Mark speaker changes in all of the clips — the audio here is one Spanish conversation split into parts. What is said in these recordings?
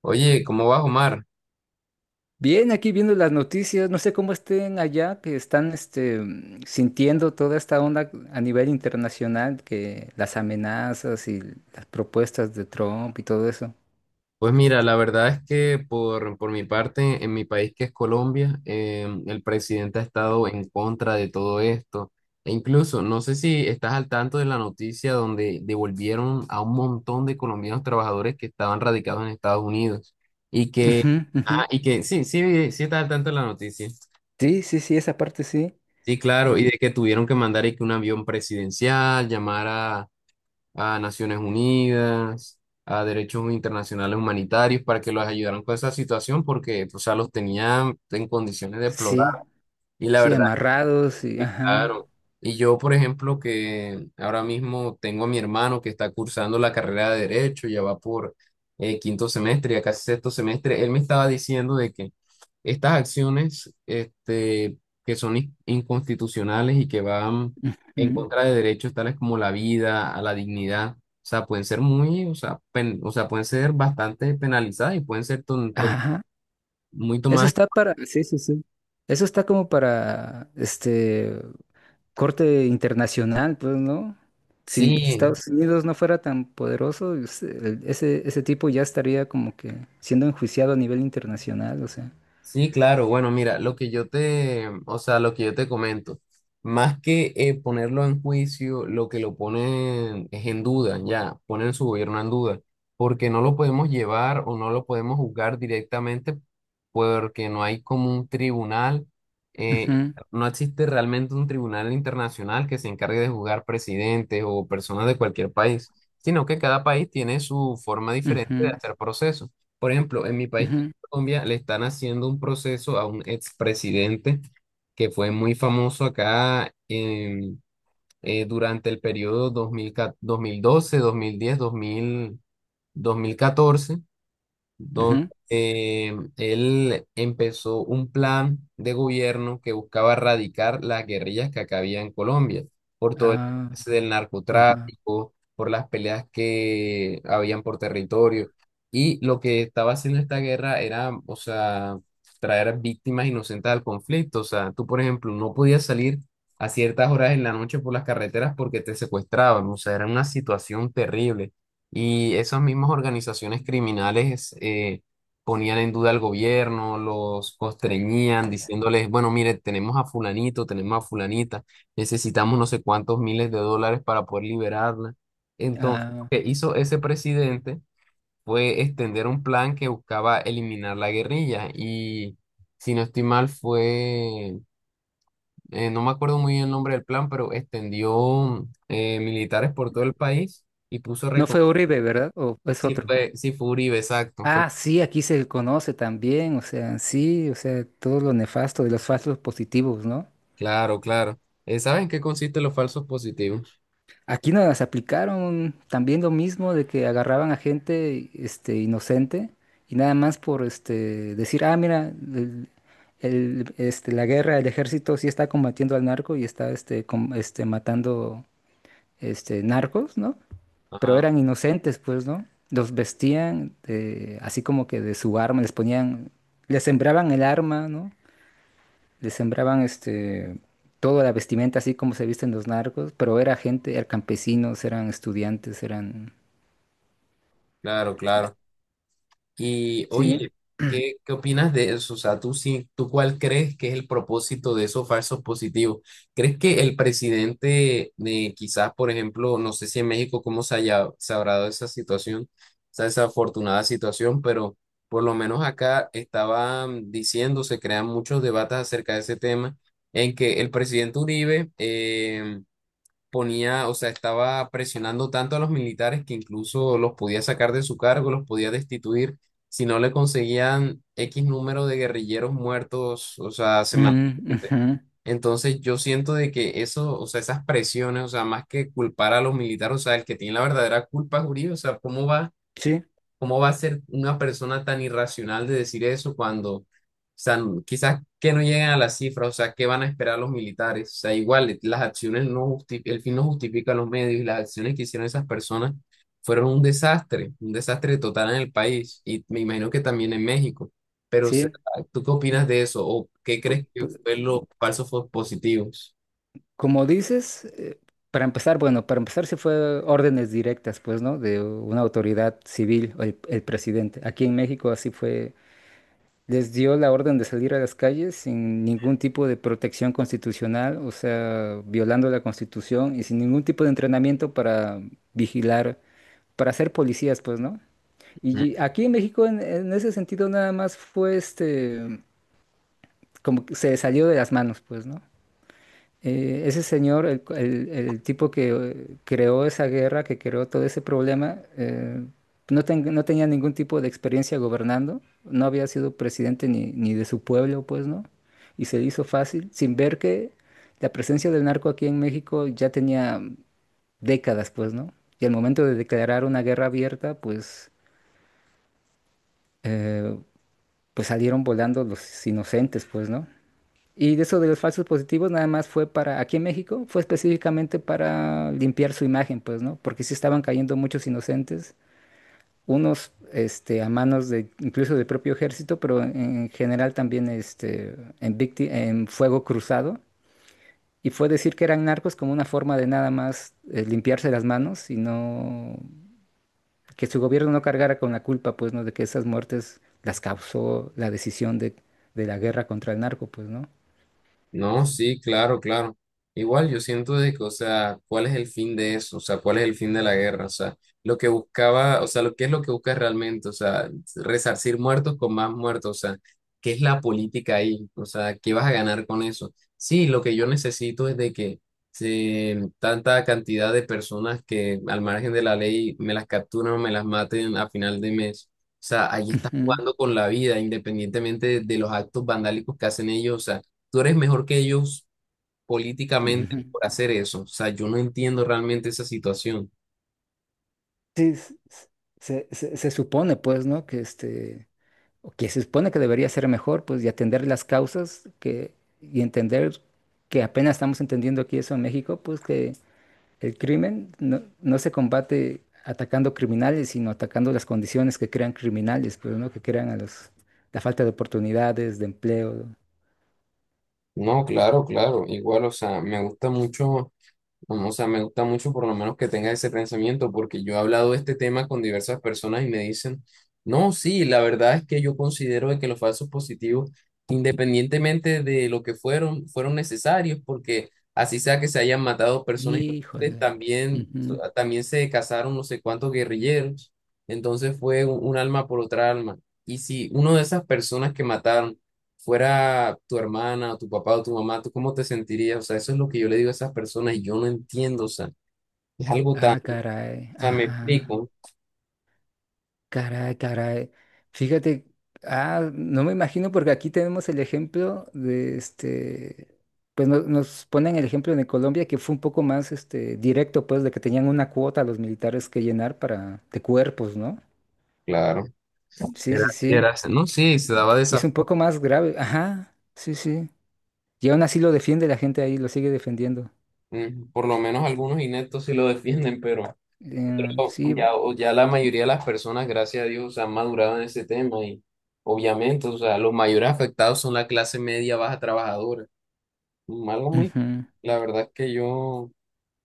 Speaker 1: Oye, ¿cómo vas, Omar?
Speaker 2: Bien, aquí viendo las noticias, no sé cómo estén allá, que están sintiendo toda esta onda a nivel internacional, que las amenazas y las propuestas de Trump y todo eso.
Speaker 1: Pues mira, la verdad es que por mi parte, en mi país que es Colombia, el presidente ha estado en contra de todo esto. E incluso, no sé si estás al tanto de la noticia donde devolvieron a un montón de colombianos trabajadores que estaban radicados en Estados Unidos. Y que,
Speaker 2: Ujú, ujú.
Speaker 1: y que sí, sí, sí estás al tanto de la noticia.
Speaker 2: Sí, sí, sí, esa parte sí.
Speaker 1: Sí, claro, y de que tuvieron que mandar y que un avión presidencial llamara a Naciones Unidas, a derechos internacionales humanitarios para que los ayudaran con esa situación porque, o sea, los tenían en condiciones deplorables.
Speaker 2: Sí,
Speaker 1: Y la
Speaker 2: sí,
Speaker 1: verdad
Speaker 2: amarrados y
Speaker 1: Sí,
Speaker 2: ajá.
Speaker 1: claro. Y yo, por ejemplo, que ahora mismo tengo a mi hermano que está cursando la carrera de Derecho, ya va por quinto semestre, ya casi sexto semestre, él me estaba diciendo de que estas acciones que son inconstitucionales y que van en
Speaker 2: Mm.
Speaker 1: contra de derechos tales como la vida, a la dignidad, o sea, pueden ser muy, o sea, o sea, pueden ser bastante penalizadas y pueden ser
Speaker 2: Ajá.
Speaker 1: muy
Speaker 2: Eso
Speaker 1: tomadas.
Speaker 2: está para, sí, sí, sí. Eso está como para este corte internacional, pues, ¿no? Si
Speaker 1: Sí,
Speaker 2: Estados Unidos no fuera tan poderoso, ese tipo ya estaría como que siendo enjuiciado a nivel internacional, o sea.
Speaker 1: sí, claro. Bueno, mira, lo que yo te, o sea, lo que yo te comento, más que ponerlo en juicio, lo que lo ponen es en duda, ya, ponen su gobierno en duda, porque no lo podemos llevar o no lo podemos juzgar directamente porque no hay como un tribunal, eh,
Speaker 2: Ujú,
Speaker 1: no existe realmente un tribunal internacional que se encargue de juzgar presidentes o personas de cualquier país, sino que cada país tiene su forma diferente de
Speaker 2: ujú,
Speaker 1: hacer procesos. Por ejemplo, en mi país
Speaker 2: ujú,
Speaker 1: Colombia le están haciendo un proceso a un expresidente que fue muy famoso acá durante el periodo 2012, 2010, 2014 donde
Speaker 2: ujú.
Speaker 1: él empezó un plan de gobierno que buscaba erradicar las guerrillas que acá había en Colombia, por todo el tema
Speaker 2: Ah,
Speaker 1: del
Speaker 2: ajá.
Speaker 1: narcotráfico, por las peleas que habían por territorio. Y lo que estaba haciendo esta guerra era, o sea, traer víctimas inocentes al conflicto. O sea, tú, por ejemplo, no podías salir a ciertas horas en la noche por las carreteras porque te secuestraban. O sea, era una situación terrible. Y esas mismas organizaciones criminales ponían en duda al gobierno, los constreñían diciéndoles, bueno, mire, tenemos a fulanito, tenemos a fulanita, necesitamos no sé cuántos miles de dólares para poder liberarla. Entonces, lo
Speaker 2: Ah,
Speaker 1: que hizo ese presidente fue extender un plan que buscaba eliminar la guerrilla. Y si no estoy mal, no me acuerdo muy bien el nombre del plan, pero extendió militares por todo el país y puso
Speaker 2: ¿no fue Uribe, verdad? ¿O es otro?
Speaker 1: Sí fue Uribe, exacto.
Speaker 2: Ah, sí, aquí se conoce también, o sea, sí, o sea, todo lo nefasto de los falsos positivos, ¿no?
Speaker 1: Claro, claro. ¿Saben en qué consisten los falsos positivos?
Speaker 2: Aquí nos las aplicaron también lo mismo de que agarraban a gente este, inocente y nada más por este, decir, ah, mira, este, la guerra, el ejército sí está combatiendo al narco y está este, este, matando este, narcos, ¿no? Pero
Speaker 1: Ajá,
Speaker 2: eran inocentes, pues, ¿no? Así como que de su arma, les ponían, les sembraban el arma, ¿no? Le sembraban este, toda la vestimenta así como se visten los narcos, pero era gente, eran campesinos, eran estudiantes, eran...
Speaker 1: claro, claro. Y
Speaker 2: Sí,
Speaker 1: oye, ¿qué opinas de eso? O sea, ¿tú, sí, tú cuál crees que es el propósito de esos falsos positivos? ¿Crees que el presidente, quizás, por ejemplo, no sé si en México cómo se habrá dado esa situación, esa desafortunada situación, pero por lo menos acá estaban diciendo, se crean muchos debates acerca de ese tema, en que el presidente Uribe, ponía, o sea, estaba presionando tanto a los militares que incluso los podía sacar de su cargo, los podía destituir si no le conseguían X número de guerrilleros muertos, o sea,
Speaker 2: ujú,
Speaker 1: semanalmente.
Speaker 2: ujú.
Speaker 1: Entonces yo siento de que eso, o sea, esas presiones, o sea, más que culpar a los militares, o sea, el que tiene la verdadera culpa es Uribe, o sea,
Speaker 2: Sí,
Speaker 1: ¿Cómo va a ser una persona tan irracional de decir eso cuando, o sea, quizás que no lleguen a las cifras, o sea, ¿qué van a esperar los militares? O sea, igual, las acciones el fin no justifica los medios y las acciones que hicieron esas personas fueron un desastre total en el país y me imagino que también en México. Pero, o sea,
Speaker 2: sí.
Speaker 1: ¿tú qué opinas de eso? ¿O qué
Speaker 2: pu-
Speaker 1: crees que
Speaker 2: pu-
Speaker 1: fue los falsos positivos?
Speaker 2: Como dices, para empezar, bueno, para empezar se fue órdenes directas, pues, ¿no? De una autoridad civil, o el presidente. Aquí en México así fue, les dio la orden de salir a las calles sin ningún tipo de protección constitucional, o sea, violando la constitución y sin ningún tipo de entrenamiento para vigilar, para ser policías, pues, ¿no? Y aquí en México, en ese sentido, nada más fue este, como que se salió de las manos, pues, ¿no? Ese señor, el tipo que creó esa guerra, que creó todo ese problema, no, no tenía ningún tipo de experiencia gobernando, no había sido presidente ni de su pueblo, pues, ¿no? Y se le hizo fácil, sin ver que la presencia del narco aquí en México ya tenía décadas, pues, ¿no? Y al momento de declarar una guerra abierta, pues, eh, pues salieron volando los inocentes, pues, ¿no? Y de eso de los falsos positivos nada más fue para, aquí en México, fue específicamente para limpiar su imagen, pues, ¿no? Porque sí estaban cayendo muchos inocentes, unos, este, a manos de, incluso del propio ejército, pero en general también, este, en fuego cruzado. Y fue decir que eran narcos como una forma de nada más limpiarse las manos y no, que su gobierno no cargara con la culpa, pues, ¿no? De que esas muertes las causó la decisión de la guerra contra el narco, pues, ¿no?
Speaker 1: No, sí, claro, claro. Igual yo siento de que, o sea, ¿cuál es el fin de eso? O sea, ¿cuál es el fin de la guerra? O sea, lo que buscaba, o sea, lo que es lo que busca realmente, o sea, resarcir muertos con más muertos, o sea, ¿qué es la política ahí? O sea, ¿qué vas a ganar con eso? Sí, lo que yo necesito es de que se, tanta cantidad de personas que al margen de la ley me las capturan o me las maten a final de mes. O sea, ahí estás
Speaker 2: Ujú,
Speaker 1: jugando con la vida, independientemente de los actos vandálicos que hacen ellos. O sea, tú eres mejor que ellos políticamente
Speaker 2: ujú.
Speaker 1: por hacer eso. O sea, yo no entiendo realmente esa situación.
Speaker 2: Sí, se supone, pues, ¿no? Que este, o que se supone que debería ser mejor, pues, y atender las causas que, y entender que apenas estamos entendiendo aquí eso en México, pues, que el crimen no, no se combate atacando criminales, sino atacando las condiciones que crean criminales, pues, ¿no? Que crean a los, la falta de oportunidades, de empleo.
Speaker 1: No, claro, claro. Igual, o sea, me gusta mucho. No, o sea, me gusta mucho por lo menos que tengas ese pensamiento, porque yo he hablado de este tema con diversas personas y me dicen, no, sí, la verdad es que yo considero de que los falsos positivos, independientemente de lo que fueron, fueron necesarios, porque así sea que se hayan matado personas inocentes,
Speaker 2: Híjole.
Speaker 1: también,
Speaker 2: Ujú.
Speaker 1: también se casaron no sé cuántos guerrilleros, entonces fue un alma por otra alma. Y si uno de esas personas que mataron fuera tu hermana o tu papá o tu mamá, ¿tú cómo te sentirías? O sea, eso es lo que yo le digo a esas personas y yo no entiendo, o sea, es algo tan,
Speaker 2: Ah,
Speaker 1: o
Speaker 2: caray.
Speaker 1: sea, me
Speaker 2: Ajá.
Speaker 1: explico,
Speaker 2: Caray, caray. Fíjate, ah, no me imagino porque aquí tenemos el ejemplo de este, pues nos ponen el ejemplo de Colombia que fue un poco más este directo, pues, de que tenían una cuota los militares que llenar para de cuerpos, ¿no?
Speaker 1: claro.
Speaker 2: Sí,
Speaker 1: Era,
Speaker 2: sí, sí.
Speaker 1: era, no, sí, se daba de
Speaker 2: Y es
Speaker 1: esa
Speaker 2: un poco
Speaker 1: forma.
Speaker 2: más grave. Ajá, sí, sí. Y aún así lo defiende la gente ahí, lo sigue defendiendo.
Speaker 1: Por lo menos algunos ineptos sí lo defienden, pero pero
Speaker 2: Sí.
Speaker 1: ya la mayoría de las personas, gracias a Dios, han madurado en ese tema y obviamente, o sea, los mayores afectados son la clase media, baja, trabajadora. Algo muy,
Speaker 2: Ujú.
Speaker 1: la verdad es que yo...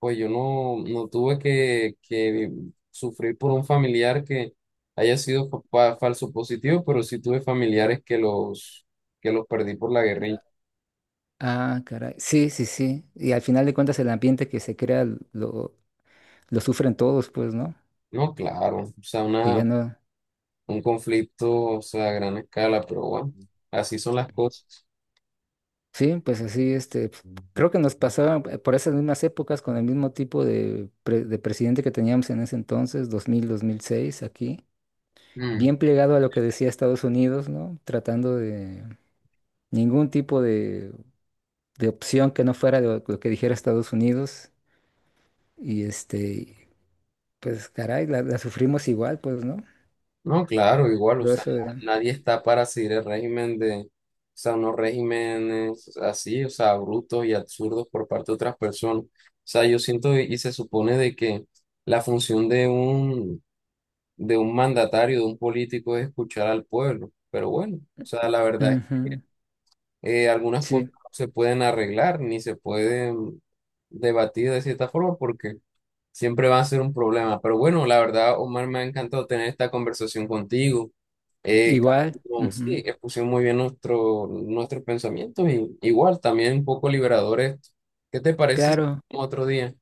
Speaker 1: Pues yo no, no tuve que sufrir por un familiar que haya sido falso positivo, pero sí tuve familiares que que los perdí por la guerrilla.
Speaker 2: Ah, caray. Sí, sí, sí. Y al final de cuentas el ambiente que se crea lo, lo sufren todos, pues, ¿no?
Speaker 1: No, claro, o sea,
Speaker 2: Que
Speaker 1: una,
Speaker 2: ya no.
Speaker 1: un conflicto, o sea, a gran escala, pero bueno, así son las cosas.
Speaker 2: Sí, pues así, este, pues, creo que nos pasaba por esas mismas épocas con el mismo tipo de, de presidente que teníamos en ese entonces, 2006 aquí, bien plegado a lo que decía Estados Unidos, ¿no? Tratando de ningún tipo de opción que no fuera lo que dijera Estados Unidos. Y este, pues caray, la sufrimos igual, pues, ¿no?
Speaker 1: No, claro, igual, o
Speaker 2: Todo
Speaker 1: sea,
Speaker 2: eso de...
Speaker 1: nadie está para seguir el régimen de, o sea, unos regímenes así, o sea, brutos y absurdos por parte de otras personas. O sea, yo siento y se supone de que la función de un mandatario, de un político es escuchar al pueblo, pero bueno, o sea, la verdad,
Speaker 2: Ujú.
Speaker 1: algunas
Speaker 2: Sí,
Speaker 1: cosas no se pueden arreglar ni se pueden debatir de cierta forma porque siempre va a ser un problema. Pero bueno, la verdad, Omar, me ha encantado tener esta conversación contigo. Capaz,
Speaker 2: igual.
Speaker 1: no, sí,
Speaker 2: Ujú.
Speaker 1: expusimos muy bien nuestros pensamientos y igual también un poco liberadores. ¿Qué te parece si
Speaker 2: Claro,
Speaker 1: otro día?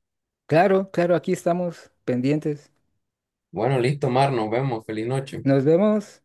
Speaker 2: claro, claro, aquí estamos pendientes.
Speaker 1: Bueno, listo, Omar, nos vemos. Feliz noche.
Speaker 2: Nos vemos.